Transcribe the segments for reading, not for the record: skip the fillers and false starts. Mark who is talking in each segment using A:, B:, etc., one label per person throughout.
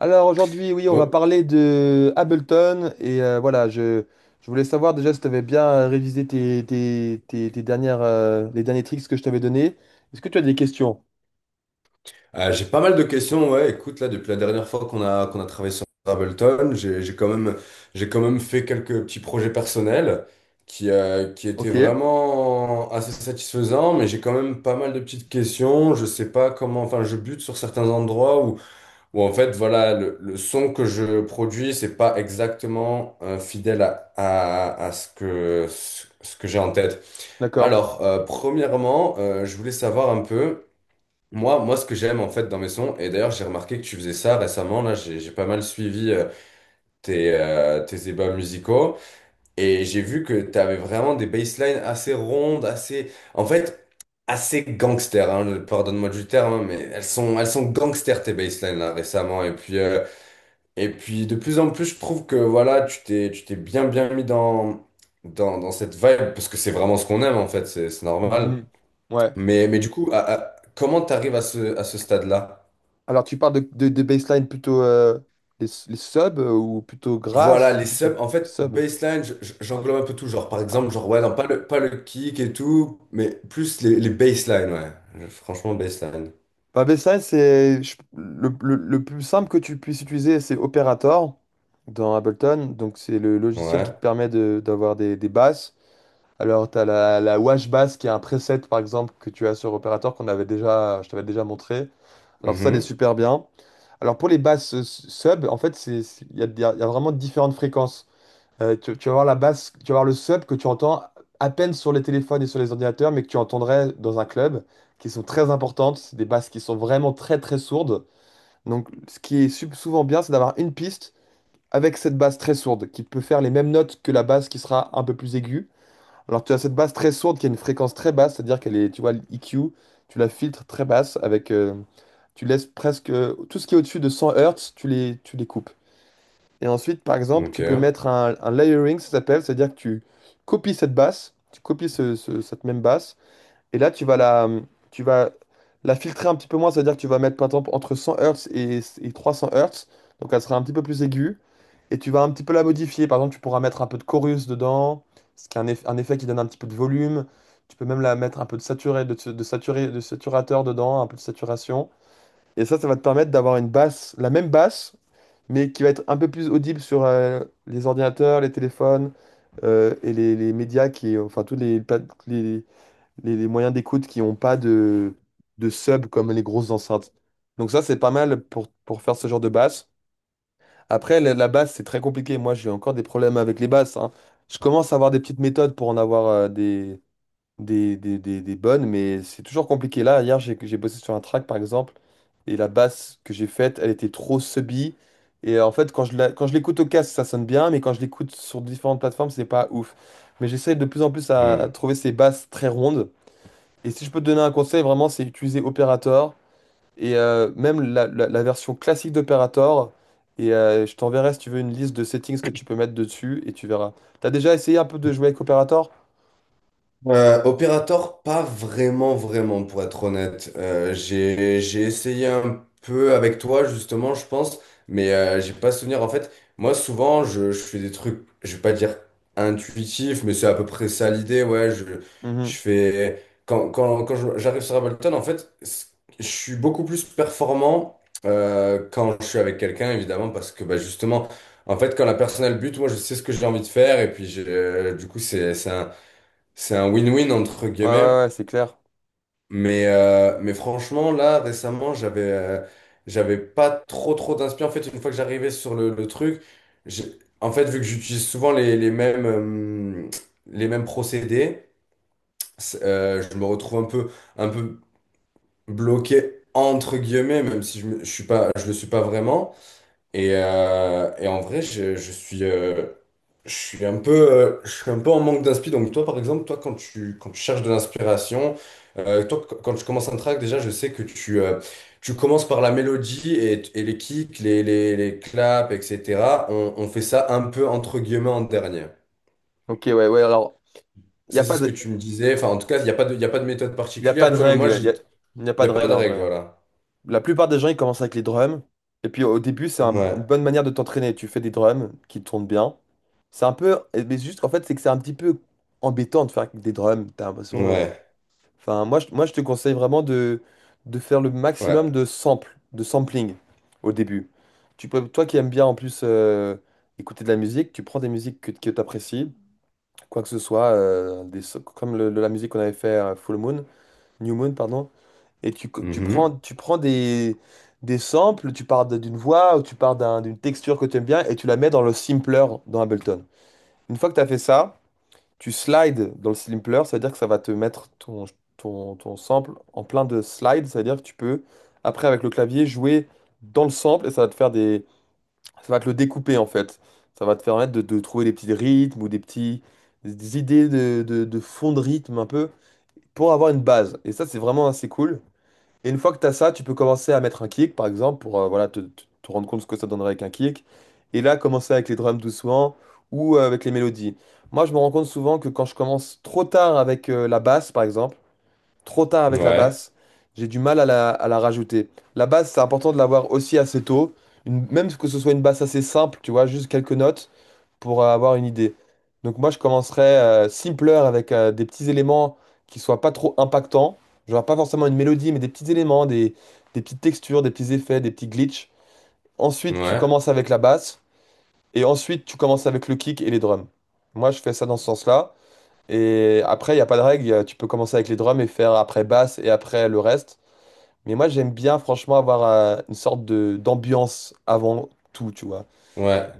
A: Alors aujourd'hui, oui, on va
B: Oh.
A: parler de Ableton et voilà, je voulais savoir déjà si tu avais bien révisé les derniers tricks que je t'avais donnés. Est-ce que tu as des questions?
B: J'ai pas mal de questions, ouais. Écoute, là, depuis la dernière fois qu'on a travaillé sur Ableton, j'ai quand même fait quelques petits projets personnels qui étaient
A: Ok,
B: vraiment assez satisfaisants, mais j'ai quand même pas mal de petites questions. Je sais pas comment, enfin, je bute sur certains endroits où en fait, voilà, le son que je produis, c'est pas exactement fidèle à ce que, ce que j'ai en tête.
A: d'accord.
B: Alors, premièrement, je voulais savoir un peu. Moi, ce que j'aime en fait dans mes sons, et d'ailleurs j'ai remarqué que tu faisais ça récemment, là j'ai pas mal suivi tes débats musicaux, et j'ai vu que tu avais vraiment des basslines assez rondes, assez, en fait, assez gangster, hein, pardonne-moi du terme, hein, mais elles sont gangster tes basslines là récemment, et puis de plus en plus je trouve que voilà, tu t'es bien bien mis dans cette vibe, parce que c'est vraiment ce qu'on aime en fait, c'est normal.
A: Mhm. Ouais.
B: Mais du coup, comment t'arrives à ce stade-là?
A: Alors tu parles de baseline plutôt les subs ou plutôt
B: Voilà,
A: grasses ou
B: les
A: plutôt
B: subs, en fait,
A: sub?
B: baseline, j'englobe un peu tout, genre, par exemple, genre, ouais, non, pas le kick et tout, mais plus les baselines, ouais. Franchement, baseline.
A: Bah, BSI, c'est le plus simple que tu puisses utiliser, c'est Operator dans Ableton. Donc, c'est le logiciel qui
B: Ouais.
A: te permet d'avoir des basses. Alors, tu as la Wash Bass qui est un preset, par exemple, que tu as sur Operator qu'on avait déjà, je t'avais déjà montré. Alors, ça, elle est
B: Mhm.
A: super bien. Alors, pour les basses sub, en fait, il y a vraiment différentes fréquences. Tu vas voir la basse, tu vas voir le sub que tu entends à peine sur les téléphones et sur les ordinateurs, mais que tu entendrais dans un club, qui sont très importantes. C'est des basses qui sont vraiment très très sourdes. Donc, ce qui est souvent bien, c'est d'avoir une piste avec cette basse très sourde, qui peut faire les mêmes notes que la basse qui sera un peu plus aiguë. Alors, tu as cette basse très sourde qui a une fréquence très basse, c'est-à-dire qu'elle est, tu vois, l'EQ, tu la filtres très basse avec, tu laisses presque tout ce qui est au-dessus de 100 Hz, tu les coupes. Et ensuite, par exemple,
B: Ok.
A: tu peux mettre un layering, ça s'appelle, c'est-à-dire que tu copies cette basse, tu copies cette même basse, et là, tu vas la filtrer un petit peu moins, c'est-à-dire que tu vas mettre, par exemple, entre 100 Hz et 300 Hz, donc elle sera un petit peu plus aiguë, et tu vas un petit peu la modifier. Par exemple, tu pourras mettre un peu de chorus dedans, ce qui est un effet qui donne un petit peu de volume. Tu peux même la mettre un peu de saturé, de saturé, de saturateur dedans, un peu de saturation. Et ça va te permettre d'avoir une basse, la même basse, mais qui va être un peu plus audible sur les ordinateurs, les téléphones et les médias qui, enfin tous les, pla- les, les moyens d'écoute qui n'ont pas de sub comme les grosses enceintes. Donc ça, c'est pas mal pour faire ce genre de basse. Après, la basse, c'est très compliqué. Moi, j'ai encore des problèmes avec les basses, hein. Je commence à avoir des petites méthodes pour en avoir des bonnes, mais c'est toujours compliqué. Là, hier, j'ai bossé sur un track, par exemple, et la basse que j'ai faite, elle était trop subie. Et en fait, quand je l'écoute au casque, ça sonne bien, mais quand je l'écoute sur différentes plateformes, c'est pas ouf. Mais j'essaie de plus en plus à
B: Mm.
A: trouver ces basses très rondes. Et si je peux te donner un conseil, vraiment, c'est utiliser Operator, et même la version classique d'Operator. Et je t'enverrai, si tu veux, une liste de settings que tu peux mettre dessus, et tu verras. T'as déjà essayé un peu de jouer avec Operator?
B: Opérateur, pas vraiment, vraiment, pour être honnête. J'ai essayé un peu avec toi, justement, je pense, mais j'ai pas souvenir. En fait, moi, souvent, je fais des trucs, je vais pas dire intuitifs, mais c'est à peu près ça l'idée, ouais.
A: Mhm.
B: Je fais. J'arrive sur Ableton, en fait, je suis beaucoup plus performant quand je suis avec quelqu'un, évidemment, parce que, bah, justement, en fait, quand la personne a le but, moi, je sais ce que j'ai envie de faire, et puis, du coup, c'est un. C'est un win-win entre
A: Ouais,
B: guillemets,
A: ouais, ouais, c'est clair.
B: mais franchement, là, récemment, j'avais pas trop trop d'inspiration. En fait, une fois que j'arrivais sur le truc, j'ai- en fait, vu que j'utilise souvent les mêmes procédés, je me retrouve un peu bloqué entre guillemets, même si je suis pas, je le suis pas vraiment. Et en vrai, je suis un peu, je suis un peu en manque d'inspi. Donc toi, par exemple, toi, quand quand tu cherches de l'inspiration, toi, quand tu commences un track, déjà, je sais que tu commences par la mélodie et les kicks, les claps, etc. On fait ça un peu entre guillemets en dernier.
A: Ok, ouais, ouais, alors, il n'y a
B: Ça, c'est
A: pas
B: ce que tu me
A: de,
B: disais. Enfin, en tout cas, il y a pas de méthode
A: y a pas
B: particulière,
A: de
B: tu vois. Mais moi,
A: règle, il n'y
B: il
A: a, y a pas
B: n'y a
A: de
B: pas
A: règle
B: de
A: en
B: règle,
A: vrai.
B: voilà.
A: La plupart des gens, ils commencent avec les drums, et puis au début, c'est une
B: Ouais,
A: bonne manière de t'entraîner. Tu fais des drums qui tournent bien. C'est un peu, eh, mais juste, en fait, c'est que c'est un petit peu embêtant de faire avec des drums, t'as l'impression.
B: ouais,
A: Enfin, moi, je te conseille vraiment de faire le maximum
B: ouais.
A: de samples, de sampling au début. Tu peux, toi qui aimes bien, en plus, écouter de la musique, tu prends des musiques que tu apprécies, quoi que ce soit, comme la musique qu'on avait fait Full Moon, New Moon, pardon, et
B: Mhm.
A: tu prends des samples, tu pars d'une voix ou tu pars d'une texture que tu aimes bien et tu la mets dans le sampler dans Ableton. Une fois que tu as fait ça, tu slides dans le sampler, c'est-à-dire que ça va te mettre ton sample en plein de slides, c'est-à-dire que tu peux, après avec le clavier, jouer dans le sample et ça va te le découper en fait. Ça va te permettre de trouver des petits rythmes ou des idées de fond de rythme un peu pour avoir une base. Et ça, c'est vraiment assez cool. Et une fois que tu as ça, tu peux commencer à mettre un kick par exemple pour voilà, te rendre compte ce que ça donnerait avec un kick. Et là, commencer avec les drums doucement ou avec les mélodies. Moi, je me rends compte souvent que quand je commence trop tard avec la basse par exemple, trop tard avec la
B: Ouais,
A: basse. J'ai du mal à la rajouter. La basse, c'est important de l'avoir aussi assez tôt. Même que ce soit une basse assez simple, tu vois, juste quelques notes pour avoir une idée. Donc moi, je commencerais simpler avec des petits éléments qui soient pas trop impactants. Genre pas forcément une mélodie, mais des petits éléments, des petites textures, des petits effets, des petits glitches. Ensuite, tu
B: ouais.
A: commences avec la basse. Et ensuite, tu commences avec le kick et les drums. Moi, je fais ça dans ce sens-là. Et après, il n'y a pas de règle. Tu peux commencer avec les drums et faire après basse et après le reste. Mais moi, j'aime bien, franchement, avoir une sorte de d'ambiance avant tout, tu vois.
B: Ouais.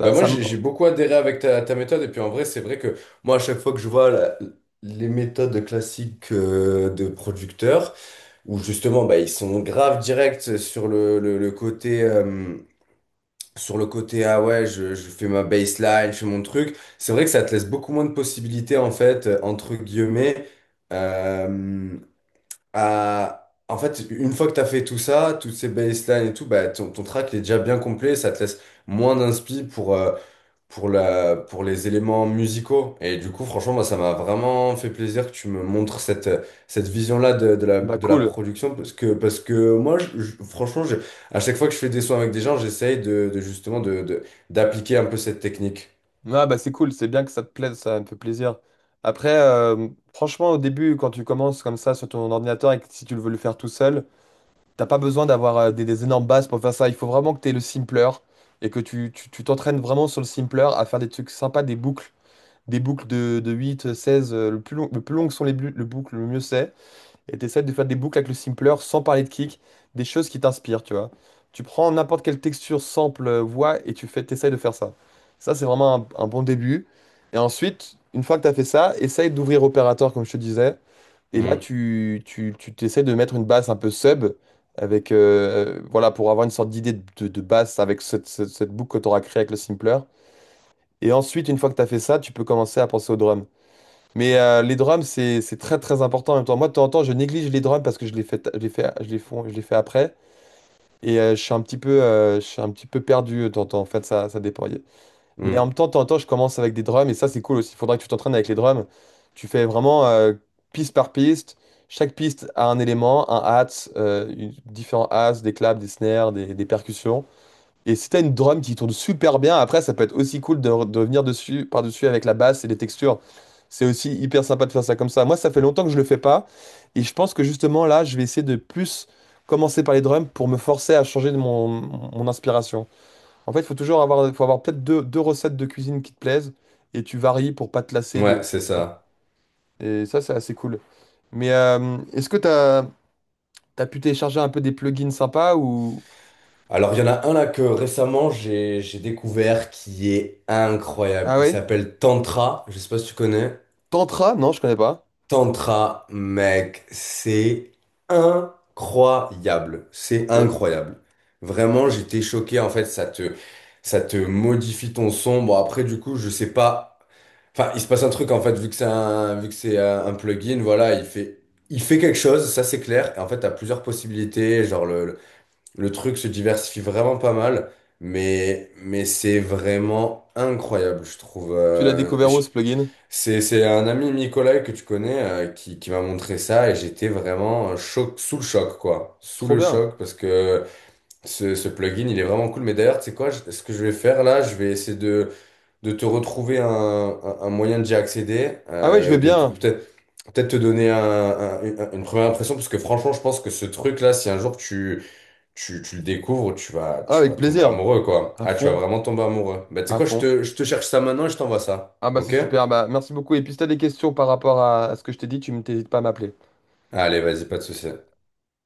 B: Bah moi
A: ça me-
B: j'ai beaucoup adhéré avec ta méthode et puis en vrai c'est vrai que moi à chaque fois que je vois les méthodes classiques de producteurs où justement bah ils sont grave directs sur le côté sur le côté ah ouais je fais ma baseline, je fais mon truc, c'est vrai que ça te laisse beaucoup moins de possibilités en fait entre guillemets euh, à en fait une fois que t'as fait tout ça, toutes ces baselines et tout bah ton track il est déjà bien complet, ça te laisse moins d'inspi pour pour les éléments musicaux. Et du coup, franchement, moi, ça m'a vraiment fait plaisir que tu me montres cette vision-là de
A: Bah,
B: de la
A: cool.
B: production. Parce que moi, franchement, à chaque fois que je fais des sons avec des gens, j'essaye de justement d'appliquer un peu cette technique.
A: Ah, bah, c'est cool. C'est bien que ça te plaise. Ça me fait plaisir. Après, franchement, au début, quand tu commences comme ça sur ton ordinateur et que si tu le veux le faire tout seul, t'as pas besoin d'avoir des énormes basses pour faire ça. Il faut vraiment que tu aies le simpler et que tu t'entraînes vraiment sur le simpler à faire des trucs sympas, des boucles. Des boucles de 8 16 le plus long que sont le boucles, le mieux c'est. Et t'essaies de faire des boucles avec le simpler sans parler de kick, des choses qui t'inspirent, tu vois. Tu prends n'importe quelle texture, sample, voix, et t'essayes de faire ça. Ça, c'est vraiment un bon début. Et ensuite, une fois que t'as fait ça, essaye d'ouvrir opérateur, comme je te disais. Et là,
B: Mm,
A: tu t'essayes de mettre une basse un peu sub, avec, voilà, pour avoir une sorte d'idée de basse avec cette boucle que tu auras créée avec le simpler. Et ensuite, une fois que tu as fait ça, tu peux commencer à penser au drum. Mais les drums, c'est très très important en même temps. Moi, de temps en temps, je néglige les drums parce que je les fais, je les fais, je les font- je les fais après. Et je suis un petit peu perdu de temps en temps. En fait, ça dépend. Mais en même
B: mm.
A: temps, de temps en temps, je commence avec des drums et ça, c'est cool aussi. Il faudra que tu t'entraînes avec les drums. Tu fais vraiment piste par piste. Chaque piste a un élément, un hats, différents hats, des claps, des snares, des percussions. Et si t'as une drum qui tourne super bien, après, ça peut être aussi cool de venir dessus, par-dessus avec la basse et les textures. C'est aussi hyper sympa de faire ça comme ça. Moi, ça fait longtemps que je le fais pas. Et je pense que justement, là, je vais essayer de plus commencer par les drums pour me forcer à changer de mon inspiration. En fait, il faut toujours avoir, faut avoir peut-être deux recettes de cuisine qui te plaisent et tu varies pour pas te lasser
B: Ouais,
A: de.
B: c'est
A: Tu
B: ça.
A: Et ça, c'est assez cool. Mais est-ce que t'as pu télécharger un peu des plugins sympas ou.
B: Alors, il y en a un là que récemment j'ai découvert qui est incroyable.
A: Ah
B: Il
A: ouais?
B: s'appelle Tantra. Je sais pas si tu connais.
A: Tantra? Non, je connais pas.
B: Tantra, mec, c'est incroyable. C'est
A: Ok.
B: incroyable. Vraiment, j'étais choqué. En fait, ça te modifie ton son. Bon, après, du coup, je sais pas. Enfin, il se passe un truc, en fait, vu que c'est un plugin, voilà, il fait quelque chose, ça c'est clair. Et en fait, t'as plusieurs possibilités. Genre, le truc se diversifie vraiment pas mal. Mais c'est vraiment incroyable, je trouve.
A: Tu l'as découvert où ce plugin?
B: C'est un ami Nicolas que tu connais qui m'a montré ça et j'étais vraiment choc, sous le choc, quoi. Sous
A: Trop
B: le
A: bien.
B: choc parce que ce plugin, il est vraiment cool. Mais d'ailleurs, tu sais quoi, ce que je vais faire là, je vais essayer de te retrouver un moyen d'y accéder,
A: Ah ouais, je vais
B: de
A: bien.
B: peut-être peut-être te donner une première impression parce que franchement, je pense que ce truc-là, si un jour tu le découvres,
A: Ah,
B: tu
A: avec
B: vas tomber
A: plaisir.
B: amoureux, quoi.
A: À
B: Ah, tu vas
A: fond,
B: vraiment tomber amoureux. Bah, tu sais
A: à
B: quoi,
A: fond.
B: je te cherche ça maintenant et je t'envoie ça.
A: Ah bah c'est
B: Ok?
A: super. Bah, merci beaucoup. Et puis si t'as des questions par rapport à ce que je t'ai dit, tu ne t'hésites pas à m'appeler.
B: Allez, vas-y, pas de souci.